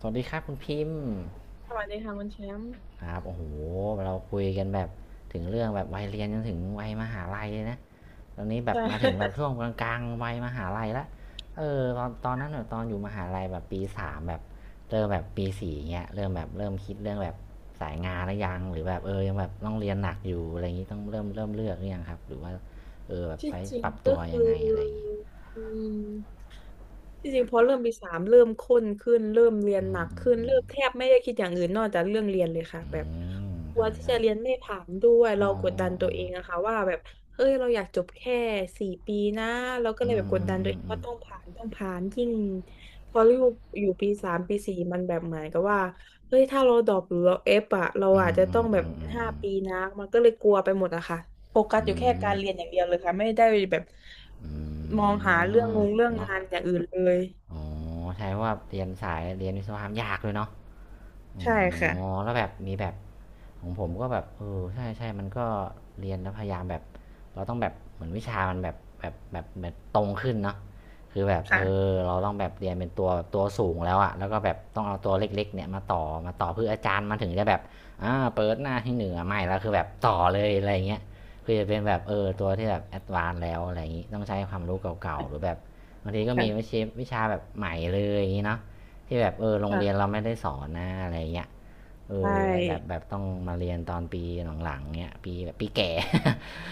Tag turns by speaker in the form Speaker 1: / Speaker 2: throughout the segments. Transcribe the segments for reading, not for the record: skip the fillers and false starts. Speaker 1: สวัสดีครับคุณพิมพ์
Speaker 2: สวัสดีค่ะคุณแชมป์
Speaker 1: ครับโอ้โหเราคุยกันแบบถึงเรื่องแบบวัยเรียนจนถึงวัยมหาลัยเลยนะตอนนี้แบบ
Speaker 2: ใช่
Speaker 1: มาถึ งแบบช่วงกลางๆวัยมหาลัยละเออตอนนั้นแบบตอนอยู่มหาลัยแบบปีสามแบบเริ่มแบบปีสี่เงี้ยเริ่มแบบเริ่มคิดเรื่องแบบสายงานหรือยังหรือแบบเออยังแบบต้องเรียนหนักอยู่อะไรอย่างงี้ต้องเริ่มเลือกหรือยังครับหรือว่าเออแบบ
Speaker 2: ที่
Speaker 1: ไป
Speaker 2: จริ
Speaker 1: ป
Speaker 2: ง
Speaker 1: รับตั
Speaker 2: ก็
Speaker 1: วยั
Speaker 2: คื
Speaker 1: งไง
Speaker 2: อ
Speaker 1: อะไรอย่างงี้
Speaker 2: อืมที่จริงพอเริ่มปีสามเริ่มข้นขึ้นเริ่มเรียน
Speaker 1: อื
Speaker 2: หนั
Speaker 1: ม
Speaker 2: ก
Speaker 1: อืม
Speaker 2: ขึ้น
Speaker 1: อื
Speaker 2: เริ่
Speaker 1: ม
Speaker 2: มแทบไม่ได้คิดอย่างอื่นนอกจากเรื่องเรียนเลยค่ะ
Speaker 1: อื
Speaker 2: แบบ
Speaker 1: ม
Speaker 2: กลั
Speaker 1: ใช่
Speaker 2: วที่
Speaker 1: ใช่
Speaker 2: จะเรียนไม่ผ่านด้วยเรา
Speaker 1: อืม
Speaker 2: กด
Speaker 1: อื
Speaker 2: ดั
Speaker 1: ม
Speaker 2: นตั
Speaker 1: อื
Speaker 2: ว
Speaker 1: ม
Speaker 2: เองอะค่ะว่าแบบเฮ้ยเราอยากจบแค่4 ปีนะเราก็เล
Speaker 1: อื
Speaker 2: ยแบ
Speaker 1: ม
Speaker 2: บก
Speaker 1: อื
Speaker 2: ด
Speaker 1: ม
Speaker 2: ดันตั
Speaker 1: อื
Speaker 2: ว
Speaker 1: ม
Speaker 2: เอง
Speaker 1: อืม
Speaker 2: ว่าต้องผ่านยิ่งพออยู่ปีสามปีสี่มันแบบเหมือนกับว่า เฮ้ยถ้าเราดรอปหรือเราเอฟอะเรา
Speaker 1: อื
Speaker 2: อาจ
Speaker 1: ม
Speaker 2: จะ
Speaker 1: อื
Speaker 2: ต้อ
Speaker 1: ม
Speaker 2: งแบ
Speaker 1: อื
Speaker 2: บ
Speaker 1: มอืม
Speaker 2: ห้าปีนะมันก็เลยกลัวไปหมดอะค่ะโฟกัส
Speaker 1: อื
Speaker 2: อ
Speaker 1: ม
Speaker 2: ยู่แค่
Speaker 1: อื
Speaker 2: กา
Speaker 1: ม
Speaker 2: รเรียนอย่างเดียวเลยค่ะไม่ได้แบบ
Speaker 1: อ
Speaker 2: มอ
Speaker 1: ื
Speaker 2: ง
Speaker 1: ม
Speaker 2: หาเรื่อง
Speaker 1: เนาะ
Speaker 2: งานอย่างอื่นเลย
Speaker 1: อ๋อใช่ว่าเรียนสายเรียนวิศวกรรมยากเลยเนาะอ๋อ
Speaker 2: ใช่ค่ะ
Speaker 1: แล้วแบบมีแบบ ของผมก็แบบเออใช่ใช่มันก็เรียนแล้วพยายามแบบเราต้องแบบเหมือนวิชามันแบบตรงขึ้นเนาะคือแบบเออ
Speaker 2: ค่ะ
Speaker 1: เราต้องแบบเรียนเป็นตัวสูงแล้วอะแล้วก็แบบต้องเอาตัวเล็กๆเนี่ยมาต่อเพื่ออาจารย์มาถึงจะแบบอ่าเปิดหน้าที่หนึ่งอะไม่แล้วคือแบบต่อเลยอะไรเงี้ยคือจะเป็นแบบเออตัวที่แบบแอดวานซ์แล้วอะไรอย่างงี้ต้องใช้ความรู้เก่าๆหรือแบบบางทีก็มีวิ
Speaker 2: ค่ะ
Speaker 1: ชาวิชาแบบใหม่เลยอย่างงี้เนาะที่แบบเออโรงเรียน
Speaker 2: ค่ะ
Speaker 1: เราไม่ได้สอนนะอะไรเงี้ย เอ
Speaker 2: ใช
Speaker 1: อไอแบบ
Speaker 2: ่
Speaker 1: แบบต้องมาเรียนตอนปีหลังๆเนี้ยปีแบบปีแก่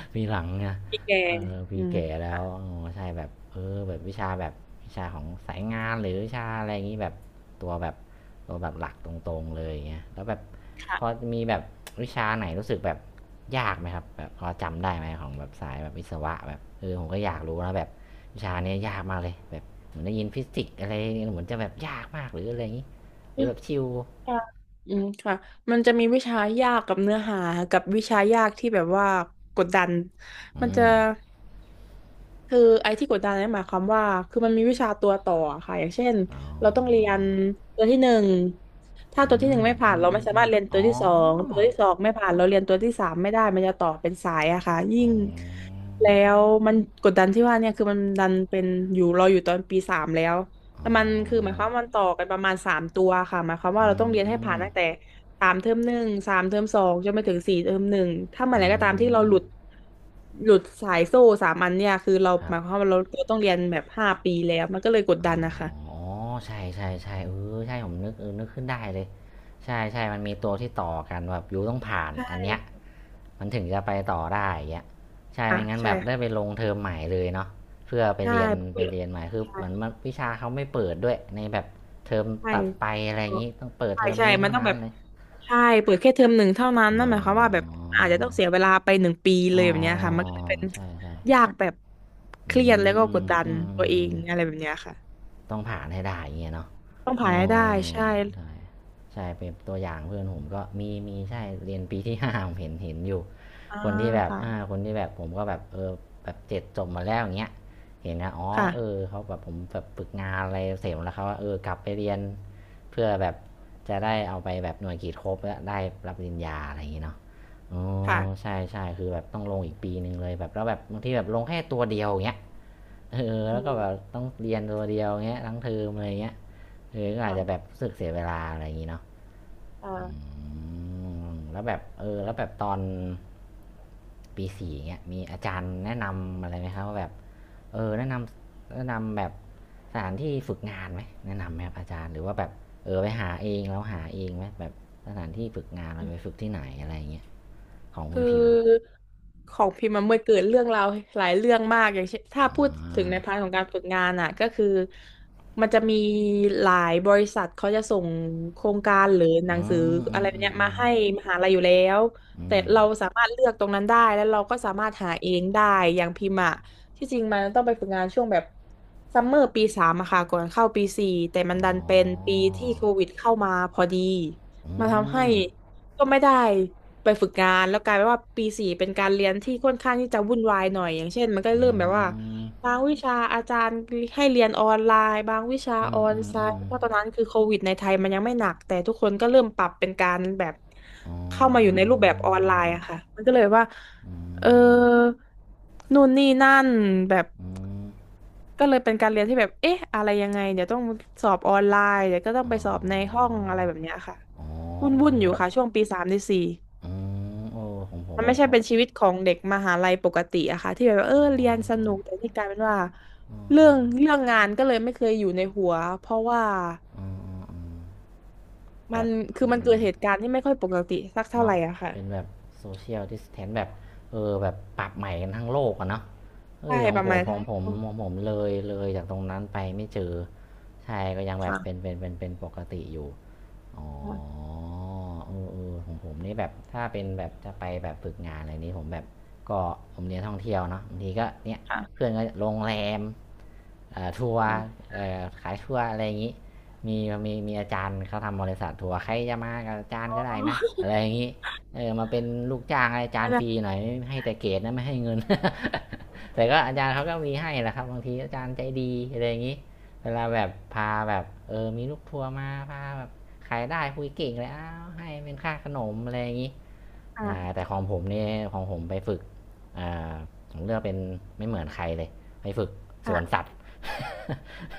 Speaker 1: ปีหลังเนี่ย
Speaker 2: พี่แก
Speaker 1: เออปี
Speaker 2: อืม
Speaker 1: แก่แล้
Speaker 2: ค่ะ
Speaker 1: วอ๋อใช่แบบเออแบบวิชาแบบวิชาของสายงานหรือวิชาอะไรอย่างนี้แบบตัวแบบตัวแบบหลักตรงๆเลยเงี้ยแล้วแบบพอ
Speaker 2: ค่ะ
Speaker 1: มีแบบวิชาไหนรู้สึกแบบยากไหมครับแบบพอจำได้ไหมของแบบสายแบบวิศวะแบบเออผมก็อยากรู้นะแบบวิชาเนี้ยยากมากเลยแบบเหมือนได้ยินฟิสิกส์อะไรเหมือนจะแบบยากมากหรืออะไรอย่างนี้ห
Speaker 2: อื
Speaker 1: รือ
Speaker 2: ม
Speaker 1: แบบชิว
Speaker 2: ค่ะอืมค่ะมันจะมีวิชายากกับเนื้อหากับวิชายากที่แบบว่ากดดันมัน
Speaker 1: อื
Speaker 2: จะ
Speaker 1: ม
Speaker 2: คือไอ้ที่กดดันเนี่ยหมายความว่าคือมันมีวิชาตัวต่อค่ะอย่างเช่น
Speaker 1: อ๋อ
Speaker 2: เราต้องเรียนตัวที่หนึ่งถ้า
Speaker 1: อื
Speaker 2: ตัวที่หนึ่ง
Speaker 1: ม
Speaker 2: ไม่ผ่า
Speaker 1: อื
Speaker 2: น
Speaker 1: ม
Speaker 2: เรา
Speaker 1: อื
Speaker 2: ไม่
Speaker 1: ม
Speaker 2: สา
Speaker 1: อื
Speaker 2: มา
Speaker 1: ม
Speaker 2: รถเรียน
Speaker 1: อ๋
Speaker 2: ตัว
Speaker 1: อ
Speaker 2: ที่สองตัวที่สองไม่ผ่านเราเรียนตัวที่สามไม่ได้มันจะต่อเป็นสายอะค่ะยิ่
Speaker 1: อ๋อ
Speaker 2: งแล้วมันกดดันที่ว่าเนี่ยคือมันดันเป็นอยู่เราอยู่ตอนปีสามแล้ว
Speaker 1: อ๋
Speaker 2: แต่
Speaker 1: อ
Speaker 2: มันคือหมายความว่ามันต่อกันประมาณสามตัวค่ะหมายความว่า
Speaker 1: อื
Speaker 2: เราต้องเรียนให้ผ่าน
Speaker 1: ม
Speaker 2: ตั้งแต่สามเทอมหนึ่งสามเทอมสองจนไปถึงสี่เทอมหนึ่งถ้าเมื่อ
Speaker 1: อื
Speaker 2: ไหร่ก็ตามที่เรา
Speaker 1: ม
Speaker 2: หลุดหลุดสายโซ่สามอันเนี่ยคือเรา
Speaker 1: ครั
Speaker 2: ห
Speaker 1: บ
Speaker 2: มายความว่าเราต้องเรียนแบบห้าปีแล้วมันก็เลยกด
Speaker 1: อ
Speaker 2: ดันนะคะ
Speaker 1: ๋อ ใช่ใช่ใช่เออใช่ผมนึกเออนึกขึ้นได้เลยใช่ใช่มันมีตัวที่ต่อกันแบบยูต้องผ่าน
Speaker 2: ใช่
Speaker 1: อันเนี้ยมันถึงจะไปต่อได้อย่างเงี้ยใช่
Speaker 2: อ่ะ
Speaker 1: ไม่งั้นแบ
Speaker 2: ใช่
Speaker 1: บได้ไปลงเทอมใหม่เลยเนาะเพื่อไป
Speaker 2: ใ
Speaker 1: เรียน ไป
Speaker 2: ช
Speaker 1: เรียนใหม่คือเหมือน
Speaker 2: ่
Speaker 1: มันวิชาเขาไม่เปิดด้วยในแบบเทอม
Speaker 2: ใช่
Speaker 1: ตัดไปอะไรอย่างงี้ต้องเปิด
Speaker 2: ใช่
Speaker 1: เทอม
Speaker 2: ใช่
Speaker 1: นี้
Speaker 2: มั
Speaker 1: เท่า
Speaker 2: นต้อง
Speaker 1: นั้
Speaker 2: แบ
Speaker 1: น
Speaker 2: บ
Speaker 1: เลย
Speaker 2: ใช่เปิดแค่เทอมหนึ่งเท่านั้น
Speaker 1: อ๋
Speaker 2: นั่น
Speaker 1: อ
Speaker 2: หมายความว่าแบบอาจจะต้องเสียเวลาไป1 ปี
Speaker 1: อ๋
Speaker 2: เล
Speaker 1: อ
Speaker 2: ยแบบเนี้ยค่ะ มันก็เลยเป็น
Speaker 1: ใช่ใช่
Speaker 2: ยากแบบเค
Speaker 1: อื
Speaker 2: รียดแล้วก็ก
Speaker 1: ม
Speaker 2: ดดัน
Speaker 1: อื
Speaker 2: ตัวเอ
Speaker 1: ม
Speaker 2: งอะไรแบบเนี้ยค่ะ
Speaker 1: ต้องผ่านให้ได้าเงี้ยเนาะ
Speaker 2: ต้องผ่าน
Speaker 1: อ๋อ
Speaker 2: ให้ได้ ใช่
Speaker 1: ใช่ใช่เป็นตัวอย่างเพื่อนผมก็มีใช่เรียนปีที่ ห้าผมเห็นอยู่
Speaker 2: อ่า
Speaker 1: คนที่แบบ
Speaker 2: ค่ะ
Speaker 1: อ่าคนที่แบบผมก็แบบเออแบบเจ็ดจบมาแล้วอย่างเงี้ยเห็นนะอ๋อเออ
Speaker 2: ค่ะ
Speaker 1: เขาแบบผมแบบฝึกงานอะไรเสร็จแล้วเขาว่าเออกลับไปเรียนเพื่อแบบจะได้เอาไปแบบหน่วยกิจครบแล้วได้รับปริญญาอะไรอย่างเงี้ยเนาะอ๋อ
Speaker 2: ค่ะ
Speaker 1: ใช่ใช่คือแบบต้องลงอีกปีหนึ่งเลยแบบแล้วแบบบางทีแบบลงแค่ตัวเดียวอย่างเงี้ย เออแล้
Speaker 2: อื
Speaker 1: วก็แบ
Speaker 2: ม
Speaker 1: บต้องเรียนตัวเดียวเงี้ยทั้งเทอมอะไรเงี้ยเออก็อาจจะแบบ
Speaker 2: ค่ะ
Speaker 1: รู้สึกเสียเวลาอะไรอย่างงี้เนาะ
Speaker 2: อ่า
Speaker 1: มแล้วแบบเออแล้วแบบตอนปีสี่เงี้ยมีอาจารย์แนะนำอะไรไหมครับว่าแบบเออแนะนำแบบสถานที่ฝึกงานไหมแนะนำไหมครับอาจารย์หรือว่าแบบเออไปหาเองแล้วหาเองไหมแบบสถานที่ฝึกงานเราไปฝึกที่ไหนอะไรอย่างเงี้ยของคุ
Speaker 2: คื
Speaker 1: ณพิมพ์
Speaker 2: อของพิมพ์มันเมื่อเกิดเรื่องราวหลายเรื่องมากอย่างเช่นถ้า
Speaker 1: อ่
Speaker 2: พูดถึงใน
Speaker 1: า
Speaker 2: พาร์ทของการฝึกงานอ่ะก็คือมันจะมีหลายบริษัทเขาจะส่งโครงการหรือหนัง
Speaker 1: อื
Speaker 2: สือ
Speaker 1: มอื
Speaker 2: อะไร
Speaker 1: ม
Speaker 2: แบบ
Speaker 1: อืม
Speaker 2: เนี้ย
Speaker 1: อื
Speaker 2: มา
Speaker 1: ม
Speaker 2: ให้มหาลัยอยู่แล้ว
Speaker 1: อื
Speaker 2: แต่
Speaker 1: ม
Speaker 2: เราสามารถเลือกตรงนั้นได้แล้วเราก็สามารถหาเองได้อย่างพิมพ์อ่ะที่จริงมันต้องไปฝึกงานช่วงแบบซัมเมอร์ปีสามอะค่ะก่อนเข้าปีสี่แต่มั
Speaker 1: อ๋
Speaker 2: น
Speaker 1: อ
Speaker 2: ดันเป็นปีที่โควิดเข้ามาพอดี
Speaker 1: อื
Speaker 2: มาทำให้
Speaker 1: ม
Speaker 2: ก็ไม่ได้ ไปฝึกงานแล้วกลายเป็นว่าปีสี่เป็นการเรียนที่ค่อนข้างที่จะวุ่นวายหน่อยอย่างเช่นมันก็
Speaker 1: อื
Speaker 2: เริ่มแบบว่า
Speaker 1: ม
Speaker 2: บางวิชาอาจารย์ให้เรียนออนไลน์บางวิชา
Speaker 1: อื
Speaker 2: อ
Speaker 1: ม
Speaker 2: อน
Speaker 1: อืม
Speaker 2: ไซ
Speaker 1: อืม
Speaker 2: ต์เพราะตอนนั้นคือโควิดในไทยมันยังไม่หนักแต่ทุกคนก็เริ่มปรับเป็นการแบบ
Speaker 1: อ๋
Speaker 2: เข้ามาอยู่
Speaker 1: อ
Speaker 2: ในรูปแบบออนไลน์อะค่ะมันก็เลยว่า
Speaker 1: อื
Speaker 2: เออ
Speaker 1: ม
Speaker 2: นู่นนี่นั่นแบบ
Speaker 1: อืม
Speaker 2: ก็เลยเป็นการเรียนที่แบบเอ๊ะอะไรยังไงเดี๋ยวต้องสอบออนไลน์เดี๋ยวก็ต้อง
Speaker 1: อ๋
Speaker 2: ไป
Speaker 1: อ
Speaker 2: สอบในห้องอะไรแบบเนี้ยค่ะ
Speaker 1: อ๋
Speaker 2: วุ่นวุ่
Speaker 1: อ
Speaker 2: นอยู่ค่ะช่วงปีสามปีสี่
Speaker 1: เอออืมเออของผม
Speaker 2: มันไม่
Speaker 1: นะ
Speaker 2: ใช่
Speaker 1: ครับ
Speaker 2: เป็นชีวิตของเด็กมหาลัยปกติอะค่ะที่แบบว่าเออ
Speaker 1: อ๋อ
Speaker 2: เรียนสนุกแต่นี่กลายเป็นว่า
Speaker 1: อืม
Speaker 2: เรื่
Speaker 1: อื
Speaker 2: อง
Speaker 1: ม
Speaker 2: เรื่องงานก็เลยไม่เคยอยู่ในหัวเพราะว่า
Speaker 1: อืมอืมแบ
Speaker 2: มัน
Speaker 1: บ
Speaker 2: คื
Speaker 1: มั
Speaker 2: อ
Speaker 1: น
Speaker 2: มัน
Speaker 1: มัน
Speaker 2: เกิดเหตุการณ์ที่ไม่ค่อยปกติสักเท่าไห
Speaker 1: เนาะ
Speaker 2: ร่อะค่ะ
Speaker 1: เป็นแบบโซเชียลดิสแทนแบบเออแบบปรับใหม่กันทั้งโลกอะเนาะเอ
Speaker 2: ใช่
Speaker 1: อขอ
Speaker 2: ป
Speaker 1: งผ
Speaker 2: ระมา
Speaker 1: ม
Speaker 2: ณ
Speaker 1: ขอ
Speaker 2: ทั้
Speaker 1: ง
Speaker 2: ง
Speaker 1: ผมของผมเลยเลยจากตรงนั้นไปไม่เจอใช่ก็ยังแบบเป็น
Speaker 2: ค่ะ
Speaker 1: เป็นปกติอยู่ อ๋
Speaker 2: ค่ะ
Speaker 1: อเออเออของผมนี่แบบถ้าเป็นแบบจะไปแบบฝึกงานอะไรนี้ผมแบบก็ผมเรียนท่องเที่ยวเนาะบางทีก็เนี่ย
Speaker 2: ค่ะ
Speaker 1: เพื่อนก็โรงแรม อทัวร์
Speaker 2: ค่ะ
Speaker 1: ่อขายทัวร์อะไรอย่างนี้มีมีอาจารย์เขาทำบริษัททัวร์ใครจะมากับอาจารย์ก็ได้นะอะไรอย่างนี้เออมาเป็นลูกจ้างอาจาร
Speaker 2: นั่น
Speaker 1: ย์
Speaker 2: แห
Speaker 1: ฟ
Speaker 2: ละ
Speaker 1: รีหน่อยให้แต่เกรดนะไม่ให้เงิน แต่ก็อาจารย์เขาก็มีให้แหละครับบางทีอาจารย์ใจดีอะไรอย่างนี้เวลาแบบพาแบบมีลูกทัวร์มาพาแบบขายได้คุยเก่งเลยอ้าวให้เป็นค่าขนมอะไรอย่างนี้ แต่
Speaker 2: ค่ะ
Speaker 1: ของผมนี่ของผมไปฝึกผมเลือกเป็นไม่เหมือนใครเลยไปฝึกสวน
Speaker 2: ค่ะ
Speaker 1: สัตว์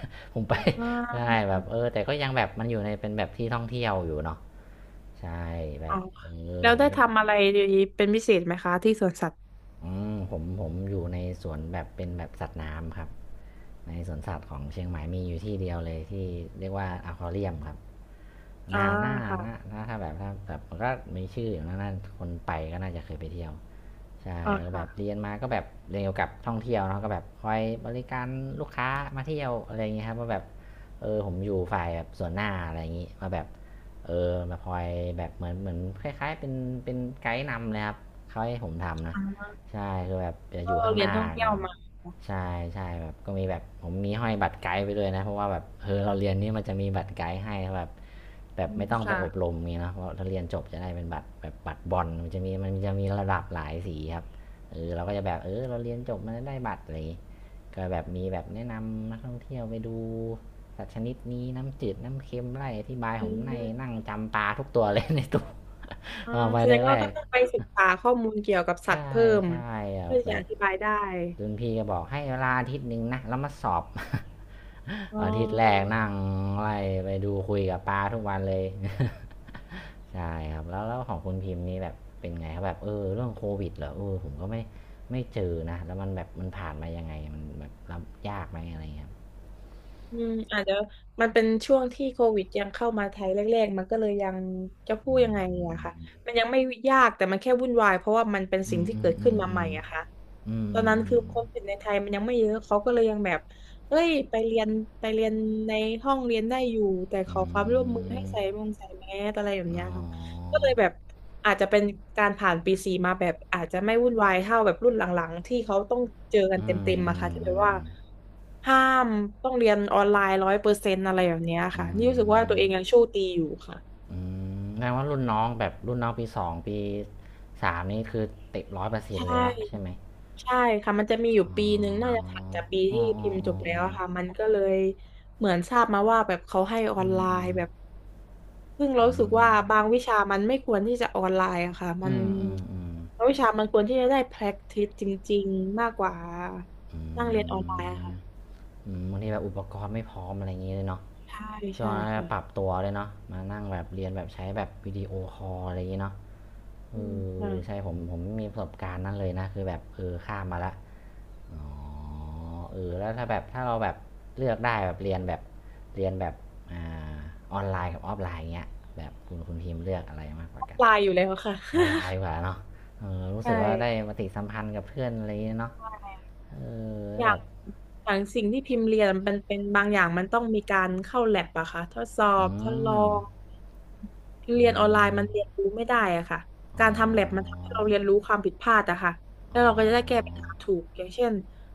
Speaker 1: ผมไป
Speaker 2: อ๋อ
Speaker 1: ได้แบบแต่ก็ยังแบบมันอยู่ในเป็นแบบที่ท่องเที่ยวอยู่เนาะใช่แบ
Speaker 2: อ๋อ
Speaker 1: บ
Speaker 2: แล้ว
Speaker 1: ผม
Speaker 2: ได้ทำอะไรเป็นพิเศษไหมคะที่สวนสัตว์
Speaker 1: อืมผมอยู่ในสวนแบบเป็นแบบสัตว์น้ำครับในสวนสัตว์ของเชียงใหม่มีอยู่ที่เดียวเลยที่เรียกว่าอควาเรียมครับ
Speaker 2: อ่า
Speaker 1: น่าน่า
Speaker 2: ค่ะ
Speaker 1: น่าถ้าแบบถ้าแบบมันก็มีชื่ออยู่นะน่าคนไปก็น่าจะเคยไปเที่ยว ใช่
Speaker 2: อ่า
Speaker 1: ก็แบ
Speaker 2: ค่ะ
Speaker 1: บเรียนมาก็แบบเรียนเกี่ยวกับท่องเที่ยวเนาะก็แบบคอยบริการลูกค้ามาเที่ยวอะไรอย่างเงี้ยครับว่าแบบผมอยู่ฝ่ายแบบส่วนหน้าอะไรอย่างงี้มาแบบมาคอยแบบเหมือนคล้ายๆเป็นไกด์นำเลยครับเขาให้ผมทำนะ
Speaker 2: อ่า
Speaker 1: ใช่คือแบบจะอ
Speaker 2: ก็
Speaker 1: ยู่ข้าง
Speaker 2: เรี
Speaker 1: ห
Speaker 2: ยน
Speaker 1: น้า
Speaker 2: ท่องเที่ยว
Speaker 1: ก่อน
Speaker 2: มา
Speaker 1: ใช่ใช่แบบก็มีแบบผมมีห้อยบัตรไกด์ไปด้วยนะเพราะว่าแบบเราเรียนนี่มันจะมีบัตรไกด์ให้แบบแบ
Speaker 2: อื
Speaker 1: บ
Speaker 2: ม
Speaker 1: ไม่ต้องไป
Speaker 2: ค่ะ
Speaker 1: อบรมไงเนาะเพราะถ้าเรียนจบจะได้เป็นบัตรแบบบัตรบอลมันจะมีระดับหลายสีครับเราก็จะแบบเราเรียนจบมันได้บัตรอะไรก็แบบมีแบบแนะนำนักท่องเที่ยวไปดูสัตว์ชนิดนี้น้ำจืดน้ำเค็มไล่อธิบาย
Speaker 2: อื
Speaker 1: ผมใน
Speaker 2: ม
Speaker 1: นั่งจำปลาทุกตัวเลย ในตู้
Speaker 2: อ่า
Speaker 1: เอาไป
Speaker 2: แสดง
Speaker 1: แร
Speaker 2: ว่าก็
Speaker 1: กๆ
Speaker 2: ต้องไปศึกษาข้อมูลเกี่ยวกับสัต
Speaker 1: ใช่
Speaker 2: ว์เพิ่ม
Speaker 1: ใช่อะ
Speaker 2: เพื่อ
Speaker 1: แบ
Speaker 2: จะอ
Speaker 1: บ
Speaker 2: ธิบายได้
Speaker 1: รุ่นพี่ก็บอกให้เวลาอาทิตย์หนึ่งนะแล้วมาสอบ
Speaker 2: อ๋
Speaker 1: อาทิตย์แรก
Speaker 2: อ
Speaker 1: นั่งไล่ไปดูคุยกับปลาทุกวันเลย ใช่ครับแล้วของคุณพิมพ์นี่แบบเป็นไงครับแบบเรื่องโควิดเหรอผมก็ไม่เจอนะแล้วมันแบบมันผ่านมายังไงมันแบบรับยากไหมอะไรเงี้ย
Speaker 2: อืมอาจจะมันเป็นช่วงที่โควิดยังเข้ามาไทยแรกๆมันก็เลยยังจะพูดยังไงอะค่ะมันยังไม่ยากแต่มันแค่วุ่นวายเพราะว่ามันเป็น
Speaker 1: อื
Speaker 2: สิ่ง
Speaker 1: ม
Speaker 2: ที่
Speaker 1: อื
Speaker 2: เกิ
Speaker 1: ม
Speaker 2: ด
Speaker 1: อื
Speaker 2: ขึ้น
Speaker 1: ม
Speaker 2: มา
Speaker 1: อื
Speaker 2: ใหม่
Speaker 1: ม
Speaker 2: อะค่ะ
Speaker 1: อืม
Speaker 2: ตอนนั้น
Speaker 1: อืม
Speaker 2: คือคนติดในไทยมันยังไม่เยอะเขาก็เลยยังแบบเอ้ยไปเรียนในห้องเรียนได้อยู่แต่ข
Speaker 1: อื
Speaker 2: อ
Speaker 1: ม
Speaker 2: ความร่วมมือ
Speaker 1: อื
Speaker 2: ให้
Speaker 1: ม
Speaker 2: ใส่มงใส่แมสอะไรแบบ
Speaker 1: อ๋
Speaker 2: เนี้ย
Speaker 1: อ
Speaker 2: ค่ะ ก็เลยแบบอาจจะเป็นการผ่านปีสี่มาแบบอาจจะไม่วุ่นวายเท่าแบบรุ่นหลังๆที่เขาต้องเจอกัน
Speaker 1: อื
Speaker 2: เต
Speaker 1: ม
Speaker 2: ็มๆ
Speaker 1: อื
Speaker 2: มาค่ะ
Speaker 1: ม
Speaker 2: ที่แบ
Speaker 1: อื
Speaker 2: บ
Speaker 1: ม
Speaker 2: ว่า
Speaker 1: อืม
Speaker 2: ห้ามต้องเรียนออนไลน์100%อะไรแบบเนี้ย
Speaker 1: อื
Speaker 2: ค่ะนี่รู้สึกว่าตั
Speaker 1: ม
Speaker 2: วเองยังโชคดีอยู่ค่ะ
Speaker 1: อืแปลว่ารุ่นน้องแบบรุ่นน้องปีสองปีสามนี่คือติดร้อยเปอร์เซ็
Speaker 2: ใช
Speaker 1: นต์เลยเนาะใช่
Speaker 2: ่
Speaker 1: ไหม
Speaker 2: ใช่ค่ะมันจะมีอยู่
Speaker 1: อ๋
Speaker 2: ปีหนึ่งน่าจะ
Speaker 1: อ
Speaker 2: ถัดจากปี
Speaker 1: อ๋ออ๋อ
Speaker 2: ที่
Speaker 1: อ๋
Speaker 2: พิมพ์จ
Speaker 1: อ
Speaker 2: บแล้
Speaker 1: อ๋อ
Speaker 2: วอะค่ะมันก็เลยเหมือนทราบมาว่าแบบเขาให้ออ
Speaker 1: อื
Speaker 2: นไล
Speaker 1: มอืม
Speaker 2: น์แบบ ซึ่งเรา
Speaker 1: อื
Speaker 2: รู้สึก
Speaker 1: ม
Speaker 2: ว่าบางวิชามันไม่ควรที่จะออนไลน์อะค่ะ มั
Speaker 1: อื
Speaker 2: น
Speaker 1: มอืมอืม
Speaker 2: บางวิชามันควรที่จะได้ practice จริงๆ มากกว่า
Speaker 1: อื
Speaker 2: นั่งเรียนออน
Speaker 1: ม
Speaker 2: ไลน์อะค่ะ
Speaker 1: บางทีแบบอุปกรณ์ไม่พร้อมอะไรอย่างเงี้ยเลยเนาะ
Speaker 2: ใช่
Speaker 1: ช่วง
Speaker 2: ใช่
Speaker 1: นั้น
Speaker 2: ค่ะ
Speaker 1: ปรับตัวเลยเนาะมานั่งแบบเรียนแบบใช้แบบวิดีโอคอลอะไรอย่างเงี้ยเนาะเอ
Speaker 2: อืมค่ะ
Speaker 1: ใช่ผมไม่มีประสบการณ์นั้นเลยนะคือแบบข้ามมาละ อ๋อแล้วถ้าแบบถ้าเราแบบเลือกได้แบบเรียนแบบเรียนแบบอ่าออนไลน์กับออฟไลน์เงี้ยแบบคุณพิมพ์เลือกอะไรมากก
Speaker 2: อ
Speaker 1: ว่า
Speaker 2: อน
Speaker 1: กัน
Speaker 2: ไลน์อยู่แล้วค่ะ
Speaker 1: ออนไลน์ดีกว่าเนาะรู้
Speaker 2: ใช่
Speaker 1: สึกว่าได้ปฏิสัมพันธ์กับเพื่อนอะไรอย่างเงี้ยเนาะ
Speaker 2: ใช่
Speaker 1: เอแล้
Speaker 2: อ
Speaker 1: ว
Speaker 2: ยา
Speaker 1: แบ
Speaker 2: ก
Speaker 1: บ
Speaker 2: อย่างสิ่งที่พิมพ์เรียนมันเป็นบางอย่างมันต้องมีการเข้าแลบอะค่ะทดสอบ
Speaker 1: อื
Speaker 2: ทดลอ
Speaker 1: ม
Speaker 2: งเรี
Speaker 1: อื
Speaker 2: ยนออนไลน์
Speaker 1: ม
Speaker 2: มันเรียนรู้ไม่ได้อะค่ะ
Speaker 1: อ๋
Speaker 2: การทำแลบมัน
Speaker 1: อ
Speaker 2: ทำให้เราเรียนรู้ความผิดพลาดอะค่ะแล้
Speaker 1: อ๋อ
Speaker 2: วเราก็จะได้แก้ปัญหาถูกอย่างเช่น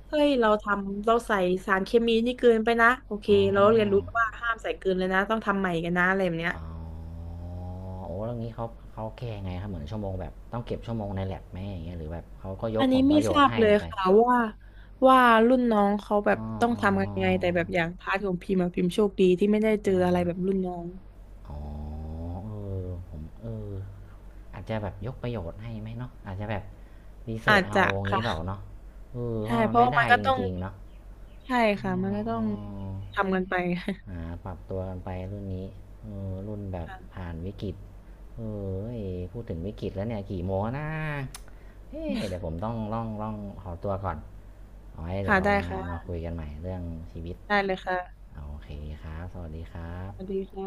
Speaker 2: เฮ้ยเราทำเราใส่สารเคมีนี่เกินไปนะโอเค
Speaker 1: อ๋อ
Speaker 2: เราเรียนรู้ว่าห้ามใส่เกินเลยนะต้องทำใหม่กันนะอะไรแบบเนี้ย
Speaker 1: อ๋อโอ้แล้วงี้เขาแก้ไงครับเหมือนชั่วโมงแบบต้องเก็บชั่วโมงในแลบไหมอย่างเงี้ยหรือแบบเขาก็ย
Speaker 2: อั
Speaker 1: ก
Speaker 2: น
Speaker 1: ผ
Speaker 2: นี้
Speaker 1: ลป
Speaker 2: ไม่
Speaker 1: ระโย
Speaker 2: ท
Speaker 1: ช
Speaker 2: รา
Speaker 1: น์
Speaker 2: บ
Speaker 1: ให้
Speaker 2: เลย
Speaker 1: ไป
Speaker 2: ค่ะว่ารุ่นน้องเขาแบบ
Speaker 1: อ๋อ
Speaker 2: ต้อง
Speaker 1: อ๋อ
Speaker 2: ทำยั
Speaker 1: อ๋อ
Speaker 2: งไงแต่แบบอย่างพาร์ทของพิมพ์อะพิมพ์โชคดีที่ไม่ได้เจอ
Speaker 1: อ๋อ
Speaker 2: อะไรแบบรุ่นน้อง
Speaker 1: อ๋อผมอาจจะแบบยกประโยชน์ให้ไหมเนาะอาจจะแบบรีเสิ
Speaker 2: อา
Speaker 1: ร์ช
Speaker 2: จ
Speaker 1: เอา
Speaker 2: จะ
Speaker 1: อย่างนี้
Speaker 2: ค่ะ
Speaker 1: เปล่าเนาะเพ
Speaker 2: ใช่
Speaker 1: ราะมั
Speaker 2: เพ
Speaker 1: น
Speaker 2: ราะ
Speaker 1: ไม่
Speaker 2: ว่ามั
Speaker 1: ได้
Speaker 2: นก็
Speaker 1: จ
Speaker 2: ต้อง
Speaker 1: ริงๆ เนาะ
Speaker 2: ใช่
Speaker 1: อ๋
Speaker 2: ค่ะ
Speaker 1: อ
Speaker 2: มันก็ต้อ
Speaker 1: อ๋อ
Speaker 2: งทำกันไป
Speaker 1: หาปรับตัวกันไปรุ่นนี้รุ่นแบ บ
Speaker 2: ค่ะ
Speaker 1: ผ่านวิกฤตเอเอ้ยพูดถึงวิกฤตแล้วเนี่ยกี่โมงแล้วนะเอ๊ะเดี๋ยวผมต้องล่องขอตัวก่อนเอาไว้เดี๋ย
Speaker 2: ค่ะ
Speaker 1: วเรา
Speaker 2: ได้
Speaker 1: มา
Speaker 2: ค่ะ
Speaker 1: มาคุยกันใหม่เรื่องชีวิต
Speaker 2: ได้เลยค่ะ
Speaker 1: โอเคครับสวัสดีครั
Speaker 2: ส
Speaker 1: บ
Speaker 2: วัสดีค่ะ